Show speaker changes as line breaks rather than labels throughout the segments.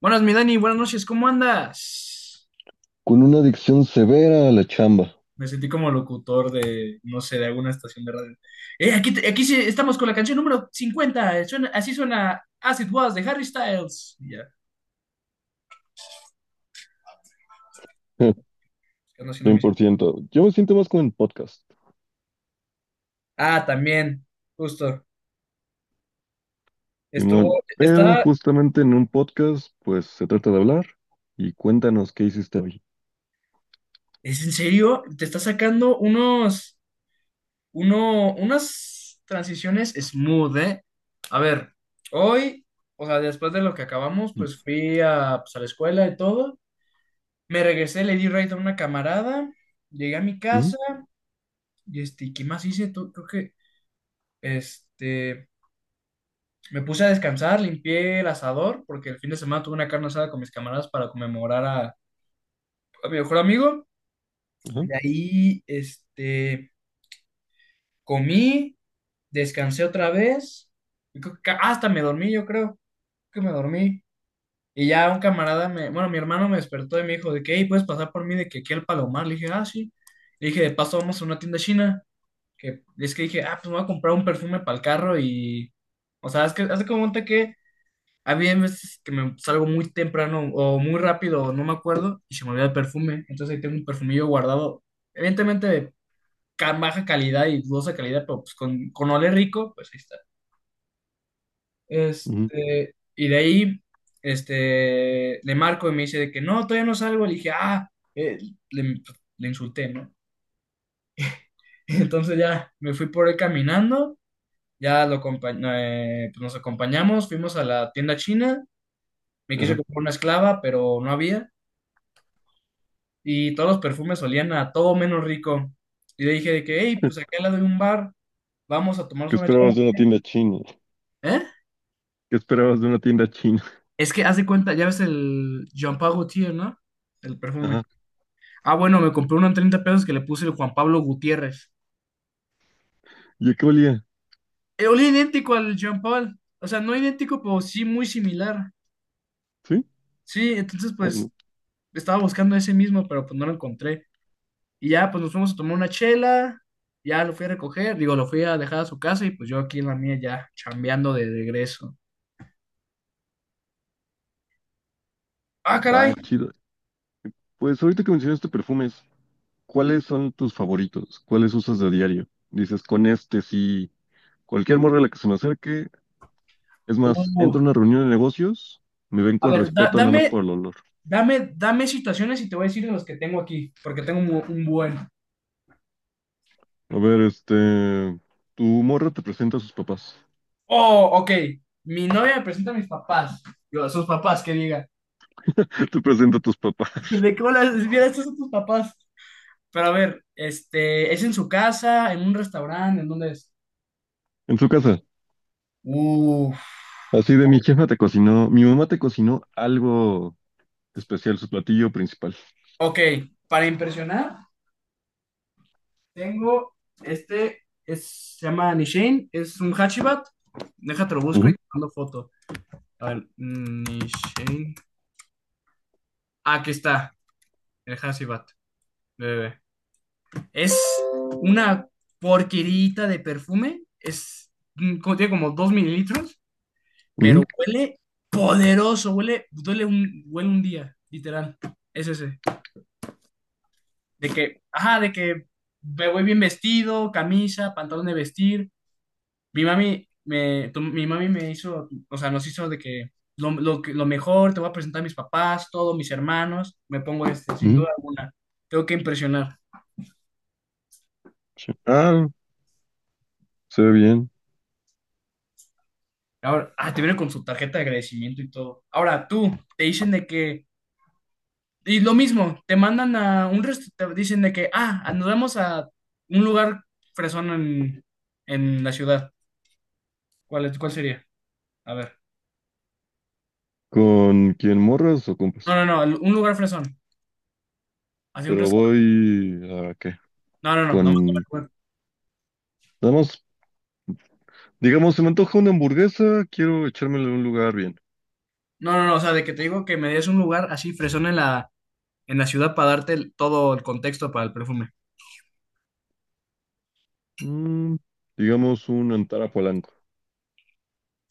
Buenas, mi Dani, buenas noches, ¿cómo andas?
Con una adicción severa a la chamba.
Me sentí como locutor de, no sé, de alguna estación de radio. Aquí sí estamos con la canción número 50. Así suena As It Was de Harry Styles. Ya que ando haciendo
100%. Yo me siento más como en podcast,
Ah, también, justo.
Simón. Pero
Está,
justamente en un podcast, pues se trata de hablar y cuéntanos qué hiciste hoy.
¿es en serio? Te está sacando unas transiciones smooth, ¿eh? A ver, hoy, o sea, después de lo que acabamos,
Mm.
pues fui a, pues, a la escuela y todo. Me regresé, le di raid a una camarada, llegué a mi
Mm.
casa y este, ¿qué más hice? Tú? Creo que este, me puse a descansar, limpié el asador porque el fin de semana tuve una carne asada con mis camaradas para conmemorar a mi mejor amigo.
Ajá.
De ahí, este, comí, descansé otra vez, y creo que hasta me dormí, yo creo que me dormí. Y ya un camarada me, bueno, mi hermano me despertó y me dijo de que, hey, ¿puedes pasar por mí de que aquí al Palomar? Le dije, ah, sí. Le dije, de paso vamos a una tienda china. Que es que dije, ah, pues me voy a comprar un perfume para el carro y, o sea, es que hace como cuenta que había veces que me salgo muy temprano o muy rápido, o no me acuerdo, y se me olvida el perfume, entonces ahí tengo un perfumillo guardado, evidentemente de baja calidad y dudosa calidad, pero pues con olor rico, pues ahí está.
Mm.
Este, y de ahí, este, le marco y me dice de que no, todavía no salgo, le dije, ah, eh, le, le insulté, ¿no? Entonces ya me fui por ahí caminando. Ya pues nos acompañamos, fuimos a la tienda china, me quise
Ajá.
comprar una esclava, pero no había, y todos los perfumes olían a todo menos rico. Y le dije de que, hey, pues acá al lado de un bar, vamos a tomarnos
¿Qué
una chela.
esperabas de una tienda china?
¿Eh?
¿Qué esperabas de una tienda china?
Es que haz de cuenta, ya ves el Jean Paul Gaultier, ¿no? El perfume.
Ajá.
Ah, bueno, me compré uno en 30 pesos que le puse el Juan Pablo Gutiérrez.
¿Y a qué olía?
Olía idéntico al Jean Paul, o sea, no idéntico, pero sí muy similar.
¿Sí?
Sí, entonces
Ah, no.
pues estaba buscando ese mismo, pero pues no lo encontré. Y ya, pues nos fuimos a tomar una chela, ya lo fui a recoger, digo, lo fui a dejar a su casa y pues yo aquí en la mía ya chambeando de regreso. Ah, caray.
Ah, chido. Pues ahorita que mencionaste perfumes, ¿cuáles son tus favoritos? ¿Cuáles usas de diario? Dices, con este sí. Cualquier morra a la que se me acerque. Es más, entro a
Uh,
una reunión de negocios, me ven
a
con
ver,
respeto nada más por el olor.
dame situaciones y te voy a decir de los que tengo aquí, porque tengo un buen.
A ver, tu morra te presenta a sus papás.
Oh, ok. Mi novia me presenta a mis papás. Yo, a sus papás, que diga.
Te presenta a tus papás,
¿De cómo las vieras estos son tus papás? Pero a ver, este, ¿es en su casa, en un restaurante, en dónde es?
en su casa.
Uf.
Así de mi jefa te cocinó, mi mamá te cocinó algo especial, su platillo principal.
Ok, para impresionar. Tengo este, es, se llama Nishin, es un Hachibat. Déjate lo busco y
Ujú.
te mando foto. A ver, Nishin. Ah, aquí está, el Hachibat. Bebé. Es una porquerita de perfume. Es, contiene como 2 mililitros,
Ujú.
pero huele poderoso. Huele, huele un día, literal. Es ese. De que, ajá, de que me voy bien vestido, camisa, pantalón de vestir. Mi mami me hizo, o sea, nos hizo de que lo mejor, te voy a presentar a mis papás, todos mis hermanos, me pongo este, sin
Ujú.
duda alguna, tengo que impresionar.
Ah, se ve bien.
Ahora, ah, te viene con su tarjeta de agradecimiento y todo. Ahora tú, te dicen de que, y lo mismo, te mandan a un restaurante, te dicen de que, ah, nos vamos a un lugar fresón en la ciudad. ¿Cuál sería? A ver.
¿Con quién, morras o compas?
No, no, no, un lugar fresón, así un
¿Pero
restaurante.
voy a qué?
No, no, no, no.
Con, nada, digamos, se me antoja una hamburguesa, quiero echármela en un lugar bien.
No, no, no, o sea, de que te digo que me des un lugar así fresón en la ciudad para todo el contexto para el perfume.
Mm, digamos un Antara Polanco.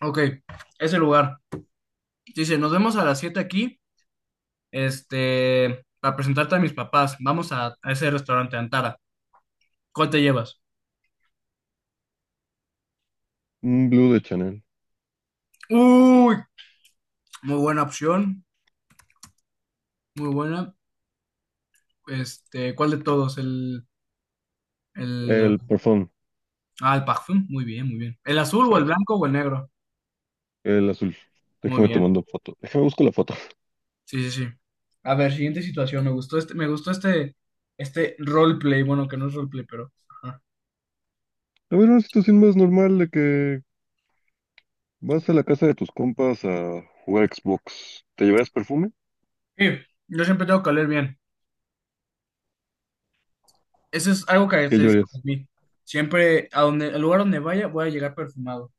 Ok, ese lugar. Dice, nos vemos a las 7 aquí, este, para presentarte a mis papás. A ese restaurante, Antara. ¿Cuál te llevas?
Un blue de Chanel.
Uy, muy buena opción, muy buena. Este, ¿cuál de todos? El,
El perfume.
ah, el parfum, muy bien, muy bien. ¿El azul
Sí,
o el blanco o el negro?
el azul.
Muy
Déjame te
bien.
mando foto. Déjame busco la foto.
Sí, sí, sí. A ver, siguiente situación. Me gustó este, este roleplay. Bueno, que no es roleplay, pero. Ajá.
A ver, una situación más normal de que vas a la casa de tus compas a jugar Xbox. ¿Te llevarías perfume?
Sí, yo siempre tengo que oler bien. Eso es algo que
¿Qué
caracteriza a
llevarías?
mí. Siempre, a donde, al lugar donde vaya, voy a llegar perfumado.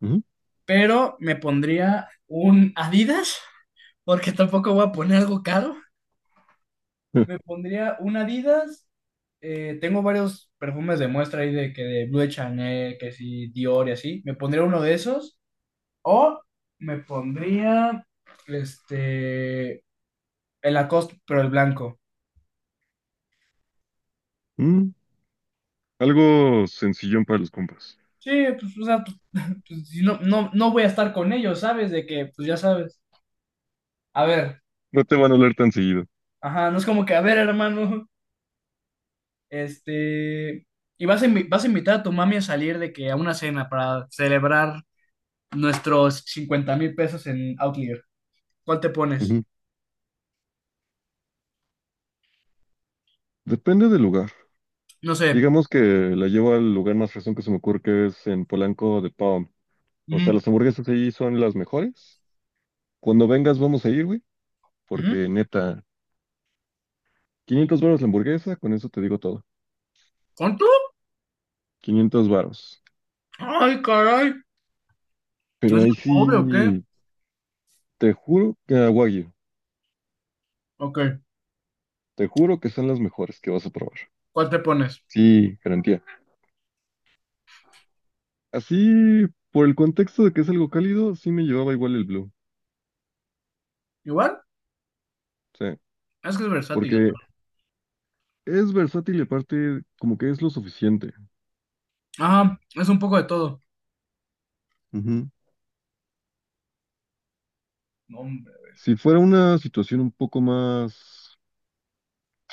Ujú.
Pero me pondría un Adidas, porque tampoco voy a poner algo caro. Me pondría un Adidas. Tengo varios perfumes de muestra ahí de que de Blue de Chanel, que sí, Dior y así. Me pondría uno de esos. O me pondría este el Lacoste, pero el blanco.
Mm, algo sencillón para los compas.
Sí, pues, o sea, pues, pues, si no voy a estar con ellos, ¿sabes? De que, pues ya sabes. A ver,
No te van a oler tan seguido.
ajá, no es como que, a ver, hermano, este. Y vas vas a invitar a tu mami a salir de que a una cena para celebrar nuestros 50,000 pesos en Outlier. ¿Cuál te pones?
Ujú. Depende del lugar.
No sé.
Digamos que la llevo al lugar más fresón que se me ocurre, que es en Polanco, de Pau. O sea,
Ujú,
las hamburguesas allí son las mejores. Cuando vengas vamos a ir, güey,
ujú.
porque neta, 500 varos la hamburguesa, con eso te digo todo.
¿Cuánto?
500 varos.
Ay, caray. ¿No
Pero
es de
ahí
cobre o qué?
sí, te juro que a Wagyu,
Ok.
te juro que son las mejores que vas a probar.
¿Cuál te pones?
Sí, garantía. Así, por el contexto de que es algo cálido, sí me llevaba igual el Blue.
¿Igual?
Sí,
Es que es versátil.
porque
La
es versátil y aparte como que es lo suficiente.
Ah, es un poco de todo.
Ujú.
No, hombre.
Si fuera una situación un poco más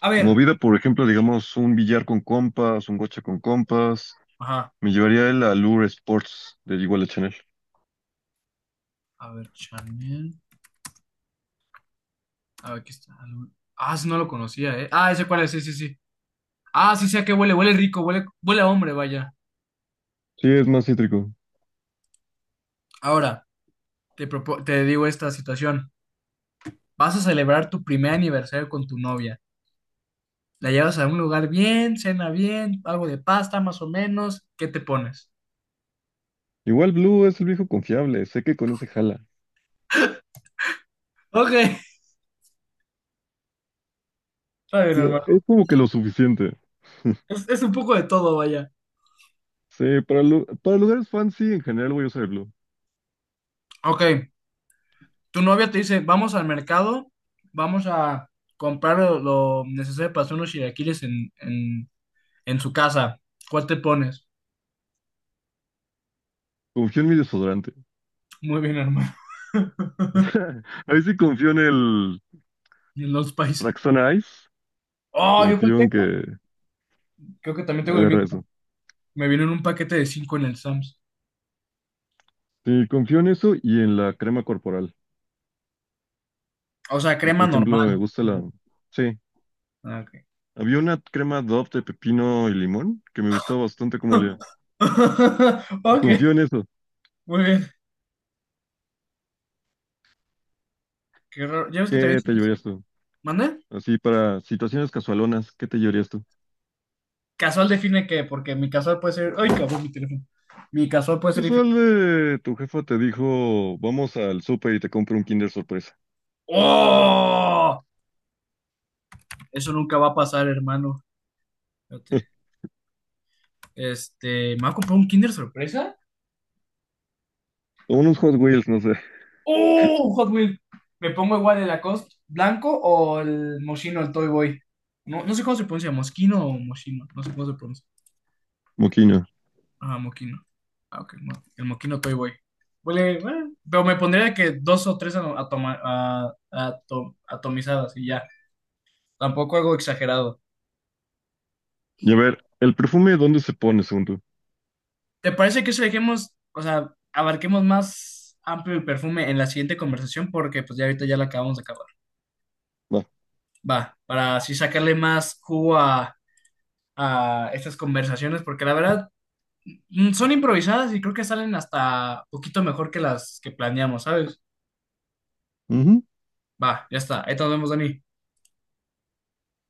A ver,
movida, por ejemplo, digamos un billar con compas, un gocha con compas,
ajá.
me llevaría el Allure Sports de Iguala Chanel.
A ver, Chanel. A ver, aquí está. Ah, ese no lo conocía, ¿eh? Ah, ese cuál es, sí, sí, sí. Ah, sí sé a qué huele, huele rico, huele, huele a hombre, vaya.
Sí, es más cítrico.
Ahora, te digo esta situación. Vas a celebrar tu primer aniversario con tu novia. La llevas a un lugar bien, cena bien, algo de pasta más o menos. ¿Qué te pones?
Igual Blue es el viejo confiable, sé que con ese jala.
Ok, está bien, hermano.
Es como que lo suficiente.
Es un poco de todo, vaya.
Sí, para, para lugares fancy en general voy a usar el Blue.
Ok, tu novia te dice, vamos al mercado, vamos a comprar lo necesario para hacer unos chilaquiles en su casa. ¿Cuál te pones?
Confío en mi desodorante.
Muy bien, hermano.
Ahí sí confío en el
En los países.
Raxona Ice.
Oh, ¿yo cuál
Confío en que
tengo? Creo que también tengo el
agarra eso.
mismo. Me vino en un paquete de 5 en el Sams.
Sí, confío en eso y en la crema corporal.
O sea,
Porque,
crema
por ejemplo, me
normal.
gusta la... Sí,
Ah, ok.
había una crema Dove de pepino y limón que me gustaba bastante como olía. Y
Ok,
confío en eso.
muy bien. Qué raro. ¿Ya ves que te había
¿Qué te
dicho?
llevarías tú?
¿Mande?
Así para situaciones casualonas, ¿qué te llevarías tú?
Casual define qué, porque mi casual puede ser. Ay, cabrón, mi teléfono. Mi casual puede ser
Casual,
diferente.
tu jefa te dijo, vamos al súper y te compro un Kinder sorpresa.
¡Oh! Eso nunca va a pasar, hermano. Espérate. Este, me va a comprar un Kinder sorpresa.
O unos Hot Wheels, no sé.
¡Oh! Hot Wheels. Me pongo igual el Lacoste blanco o el Moschino, el Toy Boy. No, no sé cómo se pronuncia, Mosquino o Moschino. No sé cómo se pronuncia.
Moquino.
Ah, Moquino. Ah, ok. El Moquino Toy Boy. Huele, bueno, pero me pondría que dos o tres atomizadas y ya. Tampoco algo exagerado.
Y a ver, ¿el perfume dónde se pone, según tú?
¿Te parece que eso dejemos, o sea, abarquemos más amplio el perfume en la siguiente conversación? Porque pues ya ahorita ya la acabamos de acabar.
Va.
Va, para así sacarle más jugo a estas conversaciones, porque la verdad mm, son improvisadas y creo que salen hasta poquito mejor que las que planeamos, ¿sabes?
Ujú.
Va, ya está. Ahí nos vemos, Dani.